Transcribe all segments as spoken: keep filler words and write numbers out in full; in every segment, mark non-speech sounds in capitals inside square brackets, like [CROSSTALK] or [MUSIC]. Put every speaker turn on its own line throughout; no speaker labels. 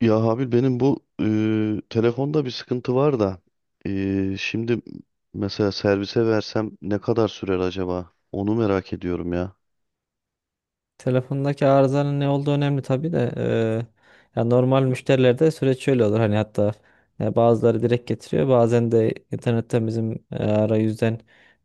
Ya Habil benim bu eee, telefonda bir sıkıntı var da eee, şimdi mesela servise versem ne kadar sürer acaba? Onu merak ediyorum ya.
Telefondaki arızanın ne olduğu önemli tabii de eee, ya normal müşterilerde süreç şöyle olur hani hatta e, bazıları direkt getiriyor, bazen de internetten bizim e, arayüzden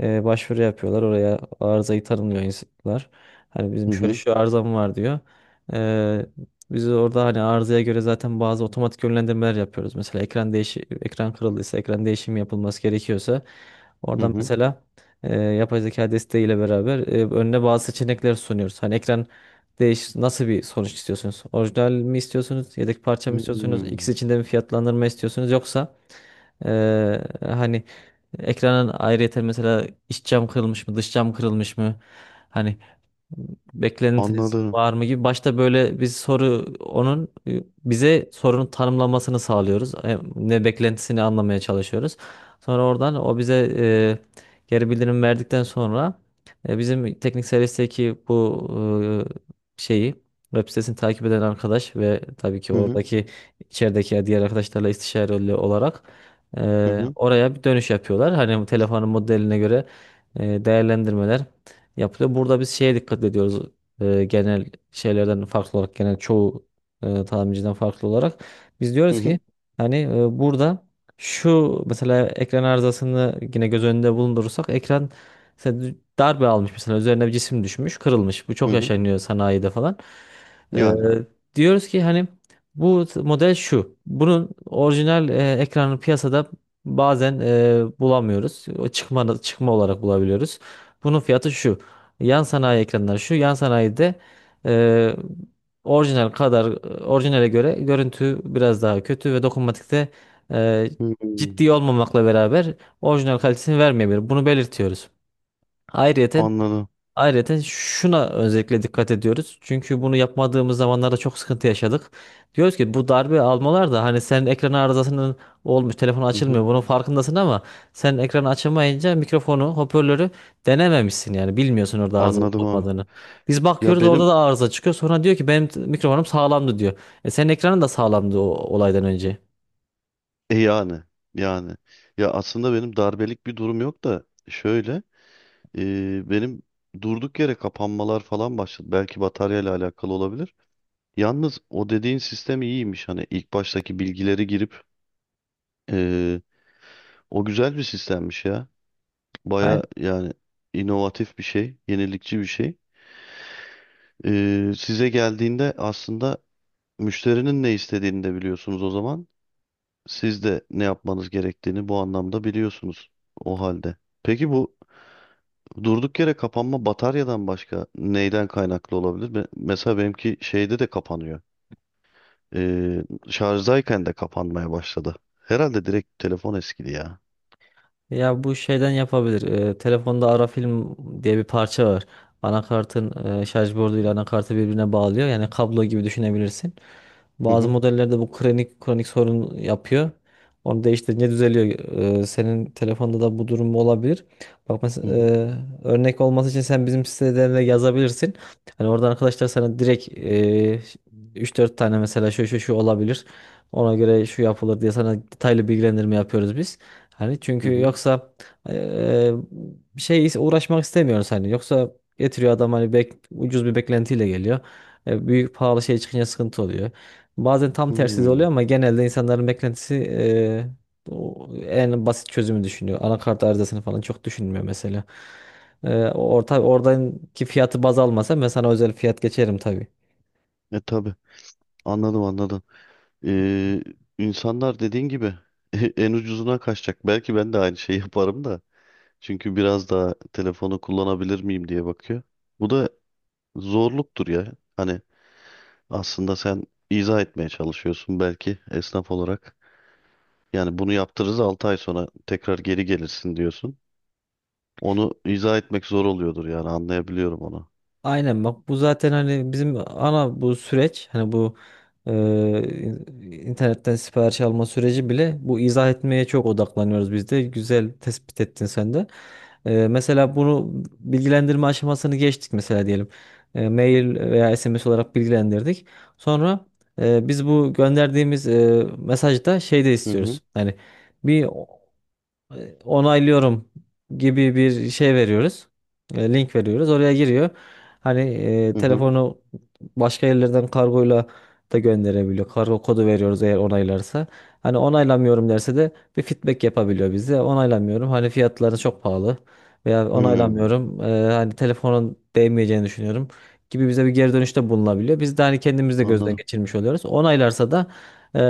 e, başvuru yapıyorlar, oraya arızayı tanımlıyor insanlar, hani
Hı
bizim şöyle
hı.
şu arızam var diyor. Eee, Biz orada hani arızaya göre zaten bazı otomatik yönlendirmeler yapıyoruz. Mesela ekran değişi ekran kırıldıysa, ekran değişimi yapılması gerekiyorsa
Hı
oradan
hı.
mesela e, yapay zeka desteğiyle beraber e, önüne bazı seçenekler sunuyoruz. Hani ekran değiş nasıl bir sonuç istiyorsunuz? Orijinal mi istiyorsunuz? Yedek parça mı istiyorsunuz?
Hmm,
İkisi içinde bir fiyatlandırma istiyorsunuz? Yoksa e, hani ekranın ayrıyeten mesela iç cam kırılmış mı, dış cam kırılmış mı? Hani beklentiniz
anladım.
var mı gibi. Başta böyle biz soru onun e, bize sorunun tanımlamasını sağlıyoruz. E, Ne beklentisini anlamaya çalışıyoruz. Sonra oradan o bize e, geri bildirim verdikten sonra e, bizim teknik servisteki bu e, şeyi, web sitesini takip eden arkadaş ve tabii ki
Hı hı.
oradaki içerideki diğer arkadaşlarla istişareli olarak
Hı
e,
hı.
oraya bir dönüş yapıyorlar. Hani bu telefonun modeline göre e, değerlendirmeler yapılıyor. Burada biz şeye dikkat ediyoruz. E, genel şeylerden farklı olarak, genel çoğu e, tamirciden farklı olarak biz
Hı
diyoruz
hı.
ki hani, e, burada şu, mesela ekran arızasını yine göz önünde bulundurursak, ekran mesela dü- darbe almış, mesela üzerine bir cisim düşmüş, kırılmış. Bu
Hı
çok
hı.
yaşanıyor sanayide falan. E,
Yani.
Diyoruz ki hani bu t- model şu. Bunun orijinal e, ekranı piyasada bazen e, bulamıyoruz. O çıkma, çıkma olarak bulabiliyoruz. Bunun fiyatı şu. Yan sanayi ekranlar şu. Yan sanayide e, orijinal kadar e, orijinale göre görüntü biraz daha kötü ve dokunmatikte e,
Hmm,
ciddi olmamakla beraber orijinal kalitesini vermeyebilir. Bunu belirtiyoruz. Ayrıca
anladım.
Ayrıca şuna özellikle dikkat ediyoruz. Çünkü bunu yapmadığımız zamanlarda çok sıkıntı yaşadık. Diyoruz ki, bu darbe almalar da hani senin ekran arızasının olmuş, telefon
Hı hı.
açılmıyor. Bunun farkındasın ama sen ekranı açamayınca mikrofonu, hoparlörü denememişsin, yani bilmiyorsun orada arıza olup
Anladım abi.
olmadığını. Biz
Ya
bakıyoruz, orada
benim,
da arıza çıkıyor. Sonra diyor ki benim t- mikrofonum sağlamdı diyor. E senin ekranın da sağlamdı o olaydan önce.
e yani yani ya aslında benim darbelik bir durum yok da şöyle eee, benim durduk yere kapanmalar falan başladı. Belki bataryayla alakalı olabilir. Yalnız o dediğin sistem iyiymiş. Hani ilk baştaki bilgileri girip eee, o güzel bir sistemmiş ya. Baya yani inovatif bir şey, yenilikçi bir şey. Eee, size geldiğinde aslında müşterinin ne istediğini de biliyorsunuz o zaman. Siz de ne yapmanız gerektiğini bu anlamda biliyorsunuz o halde. Peki bu durduk yere kapanma bataryadan başka neyden kaynaklı olabilir? Me- Mesela benimki şeyde de kapanıyor. Ee, Şarjdayken de kapanmaya başladı. Herhalde direkt telefon eskidi ya.
Ya bu şeyden yapabilir. Ee, telefonda Ara Film diye bir parça var. Anakartın e, şarj borduyla anakartı birbirine bağlıyor. Yani kablo gibi düşünebilirsin.
Hı
Bazı
hı.
modellerde bu kronik kronik sorun yapıyor. Onu değiştirince düzeliyor. Ee, senin telefonda da bu durum olabilir. Bak
Hı
mesela,
hı.
e, örnek olması için sen bizim sitelerine yazabilirsin. Hani oradan arkadaşlar sana direkt e, üç dört tane mesela şu şu şu olabilir, ona göre şu yapılır diye sana detaylı bilgilendirme yapıyoruz biz. Hani
Hı
çünkü
hı.
yoksa e, bir şey uğraşmak istemiyoruz hani. Yoksa getiriyor adam, hani bek, ucuz bir beklentiyle geliyor. E, büyük pahalı şey çıkınca sıkıntı oluyor. Bazen tam tersi de
Hmm.
oluyor ama genelde insanların beklentisi eee, o en basit çözümü düşünüyor. Anakart arızasını falan çok düşünmüyor mesela. Eee orta, oradaki fiyatı baz almasa ben sana özel fiyat geçerim tabii.
E tabii, anladım, anladım. Ee, insanlar dediğin gibi [LAUGHS] en ucuzuna kaçacak. Belki ben de aynı şeyi [LAUGHS] yaparım da. Çünkü biraz daha telefonu kullanabilir miyim diye bakıyor. Bu da zorluktur ya. Hani aslında sen izah etmeye çalışıyorsun belki esnaf olarak. Yani bunu yaptırırız altı ay sonra tekrar geri gelirsin diyorsun. Onu izah etmek zor oluyordur yani anlayabiliyorum onu.
Aynen bak, bu zaten hani bizim ana bu süreç, hani bu e, in- internetten sipariş alma süreci bile bu, izah etmeye çok odaklanıyoruz biz de. Güzel tespit ettin sen de. E, mesela bunu bilgilendirme aşamasını geçtik mesela, diyelim. E, mail veya S M S olarak bilgilendirdik. Sonra e, biz bu gönderdiğimiz e, mesajda şey de
Hı hı.
istiyoruz. Hani bir e, onaylıyorum gibi bir şey veriyoruz. E, Link veriyoruz. Oraya giriyor. Hani e,
Hı hı.
telefonu başka yerlerden kargoyla da gönderebiliyor. Kargo kodu veriyoruz eğer onaylarsa. Hani onaylamıyorum derse de bir feedback yapabiliyor bize. Onaylamıyorum, hani fiyatları çok pahalı, veya
Hmm,
onaylamıyorum, e, hani telefonun değmeyeceğini düşünüyorum gibi, bize bir geri dönüşte bulunabiliyor. Biz de hani kendimiz de gözden
anladım.
geçirmiş oluyoruz. Onaylarsa da e,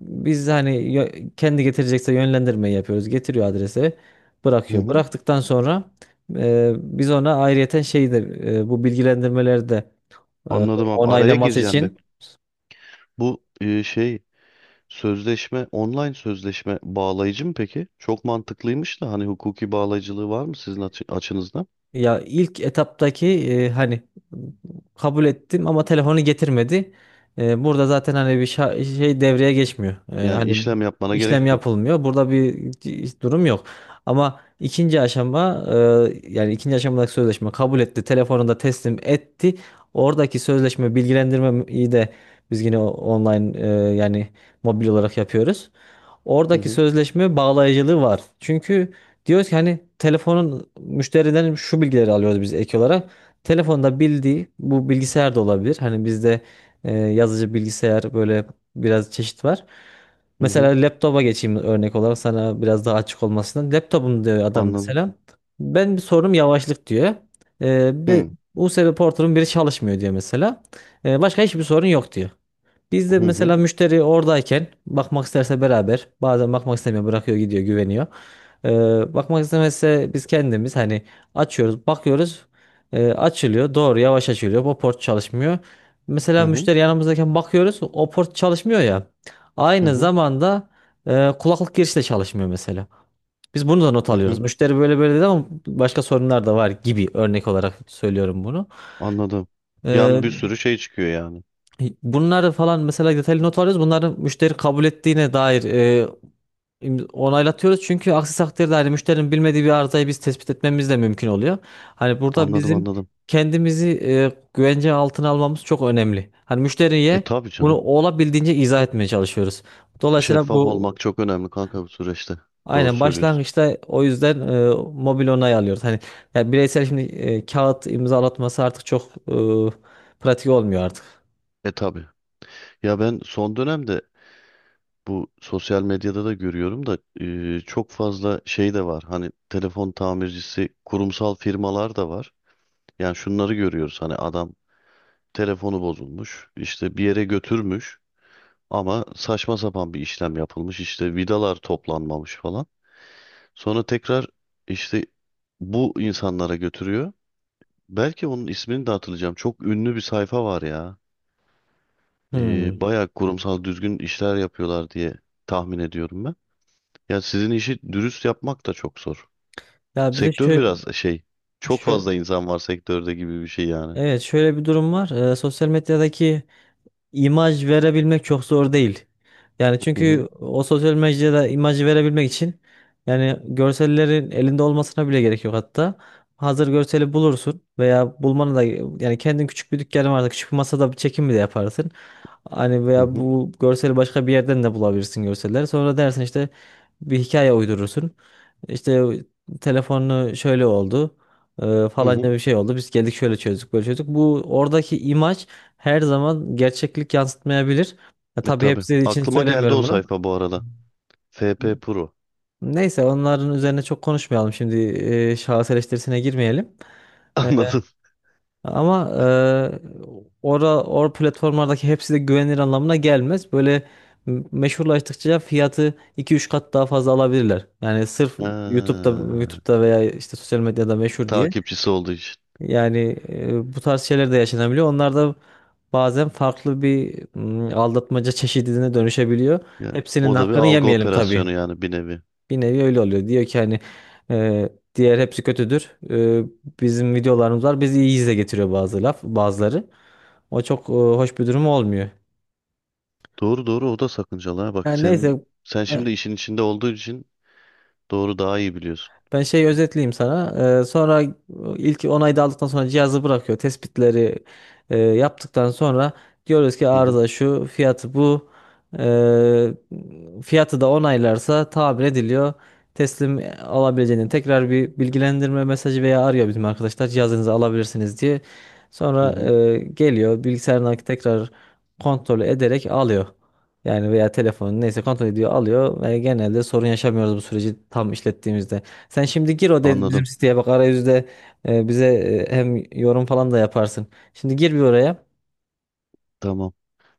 biz hani yö- kendi getirecekse yönlendirmeyi yapıyoruz. Getiriyor adrese,
Hı
bırakıyor.
hı.
Bıraktıktan sonra e, biz ona ayrıyeten şeyi de, e, bu bilgilendirmeleri de e,
Anladım abi. Araya
onaylaması
gireceğim be.
için.
Bu e, şey sözleşme, online sözleşme bağlayıcı mı peki? Çok mantıklıymış da hani hukuki bağlayıcılığı var mı sizin açı- açınızdan?
Ya ilk etaptaki e, hani kabul ettim ama telefonu getirmedi. E, burada zaten hani bir şa- şey devreye geçmiyor. E,
Yani
hani
işlem yapmana gerek
işlem
yok.
yapılmıyor. Burada bir c- durum yok. Ama ikinci aşama e, yani ikinci aşamadaki sözleşme kabul etti, telefonu da teslim etti. Oradaki sözleşme bilgilendirmeyi de biz yine o- online, e, yani mobil olarak yapıyoruz.
Hı
Oradaki
hı.
sözleşme bağlayıcılığı var. Çünkü diyoruz ki hani telefonun müşteriden şu bilgileri alıyoruz biz ek olarak. Telefonda bildiği bu bilgisayar da olabilir. Hani bizde e, yazıcı, bilgisayar, böyle biraz çeşit var.
Hı hı.
Mesela laptopa geçeyim örnek olarak, sana biraz daha açık olmasından. Laptopum diyor adam
Anladım.
mesela. Ben bir sorunum yavaşlık diyor. E, bir
Hı
U S B portunun biri çalışmıyor diyor mesela. E, başka hiçbir sorun yok diyor. Biz de
hı. Hı
mesela müşteri oradayken bakmak isterse beraber, bazen bakmak istemiyor, bırakıyor gidiyor, güveniyor. Ee, bakmak istemezse biz kendimiz hani açıyoruz, bakıyoruz e, açılıyor doğru, yavaş açılıyor, o port çalışmıyor.
hı.
Mesela
Hı
müşteri yanımızdayken bakıyoruz, o port çalışmıyor ya,
hı.
aynı
Hı.
zamanda e, kulaklık girişi de çalışmıyor mesela. Biz bunu da not
Hı
alıyoruz.
hı.
Müşteri böyle böyle dedi ama başka sorunlar da var gibi, örnek olarak söylüyorum bunu.
Anladım.
Ee,
Yani bir sürü şey çıkıyor yani.
Bunları falan mesela detaylı not alıyoruz. Bunları müşteri kabul ettiğine dair e, im- onaylatıyoruz. Çünkü aksi takdirde hani müşterinin bilmediği bir arızayı biz tespit etmemiz de mümkün oluyor. Hani burada
Anladım,
bizim
anladım.
kendimizi e, güvence altına almamız çok önemli. Hani
E
müşteriye
tabii
bunu
canım.
olabildiğince izah etmeye çalışıyoruz. Dolayısıyla
Şeffaf
bu
olmak çok önemli kanka bu süreçte. Doğru
aynen,
söylüyorsun.
başlangıçta o yüzden e, mobil onay alıyoruz. Hani ya, bireysel şimdi e, kağıt imzalatması artık çok e, pratik olmuyor artık.
E tabii. Ya ben son dönemde bu sosyal medyada da görüyorum da e, çok fazla şey de var. Hani telefon tamircisi kurumsal firmalar da var. Yani şunları görüyoruz. Hani adam telefonu bozulmuş, işte bir yere götürmüş ama saçma sapan bir işlem yapılmış. İşte vidalar toplanmamış falan. Sonra tekrar işte bu insanlara götürüyor. Belki onun ismini de hatırlayacağım. Çok ünlü bir sayfa var ya. E,
Hmm.
bayağı kurumsal düzgün işler yapıyorlar diye tahmin ediyorum ben. Ya sizin işi dürüst yapmak da çok zor.
Ya bir de
Sektör biraz şey, çok
şöyle,
fazla insan var sektörde gibi bir şey yani.
evet, şöyle bir durum var. Ee, sosyal medyadaki imaj verebilmek çok zor değil. Yani
Hı hı.
çünkü o sosyal medyada imajı verebilmek için, yani görsellerin elinde olmasına bile gerek yok hatta. Hazır görseli bulursun, veya bulmanı da, yani kendin küçük bir dükkanın varsa küçük bir masada bir çekim bile yaparsın. Hani
Hı
veya
hı.
bu görseli başka bir yerden de bulabilirsin görseller. Sonra dersin işte, bir hikaye uydurursun. İşte telefonunu şöyle oldu. E,
hı hı.
falanca bir şey oldu. Biz geldik şöyle çözdük, böyle çözdük. Bu oradaki imaj her zaman gerçeklik yansıtmayabilir. Ya,
E
tabii
tabii.
hepsi için
Aklıma geldi
söylemiyorum
o
bunu.
sayfa bu arada. F P Pro.
Neyse, onların üzerine çok konuşmayalım şimdi, e, şahıs eleştirisine girmeyelim.
[LAUGHS]
E,
Anladın?
Ama e, ora or platformlardaki hepsi de güvenilir anlamına gelmez. Böyle m- meşhurlaştıkça fiyatı iki üç kat daha fazla alabilirler. Yani sırf YouTube'da
Ha,
YouTube'da veya işte sosyal medyada meşhur diye.
takipçisi olduğu için.
Yani e, bu tarz şeyler de yaşanabiliyor. Onlar da bazen farklı bir mm, aldatmaca çeşidine dönüşebiliyor.
Ya,
Hepsinin
o da bir
hakkını
algı
yemeyelim
operasyonu
tabii.
yani bir nevi.
Bir nevi öyle oluyor. Diyor ki hani e, diğer hepsi kötüdür. E, bizim videolarımız var, bizi iyi izle getiriyor bazı laf, bazıları. O çok e, hoş bir durum olmuyor.
Doğru doğru, o da sakıncalı. Ha. Bak
Yani
senin
neyse,
Sen şimdi işin içinde olduğu için doğru daha iyi biliyorsun.
ben şeyi özetleyeyim sana. Ee, sonra ilk onayı da aldıktan sonra cihazı bırakıyor. Tespitleri e, yaptıktan sonra diyoruz ki
Hı hı.
arıza şu, fiyatı bu. Ee, Fiyatı da onaylarsa tamir ediliyor. Teslim alabileceğini tekrar bir bilgilendirme mesajı, veya arıyor bizim arkadaşlar cihazınızı alabilirsiniz diye.
Hı
Sonra
hı.
e, geliyor bilgisayarına tekrar, kontrol ederek alıyor. Yani veya telefonu neyse kontrol ediyor, alıyor, ve genelde sorun yaşamıyoruz bu süreci tam işlettiğimizde. Sen şimdi gir, o dedi
Anladım.
bizim siteye, bak arayüzde e, bize e, hem yorum falan da yaparsın. Şimdi gir bir oraya.
Tamam.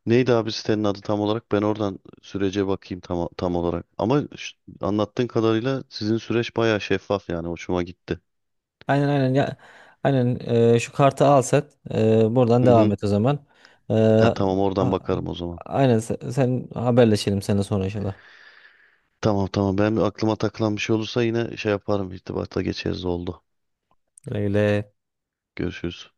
Neydi abi sitenin adı tam olarak? Ben oradan sürece bakayım tam, tam olarak. Ama ş- anlattığın kadarıyla sizin süreç bayağı şeffaf, yani hoşuma gitti.
Aynen aynen ya. Aynen, e, şu kartı al sen. E, buradan
Hı
devam
hı.
et o zaman. E,
Ha, tamam, oradan
a-
bakarım o zaman.
aynen, sen, sen haberleşelim seninle sonra inşallah.
Tamam tamam, ben aklıma takılan bir şey olursa yine şey yaparım, irtibata geçeriz, oldu.
Öyle.
Görüşürüz.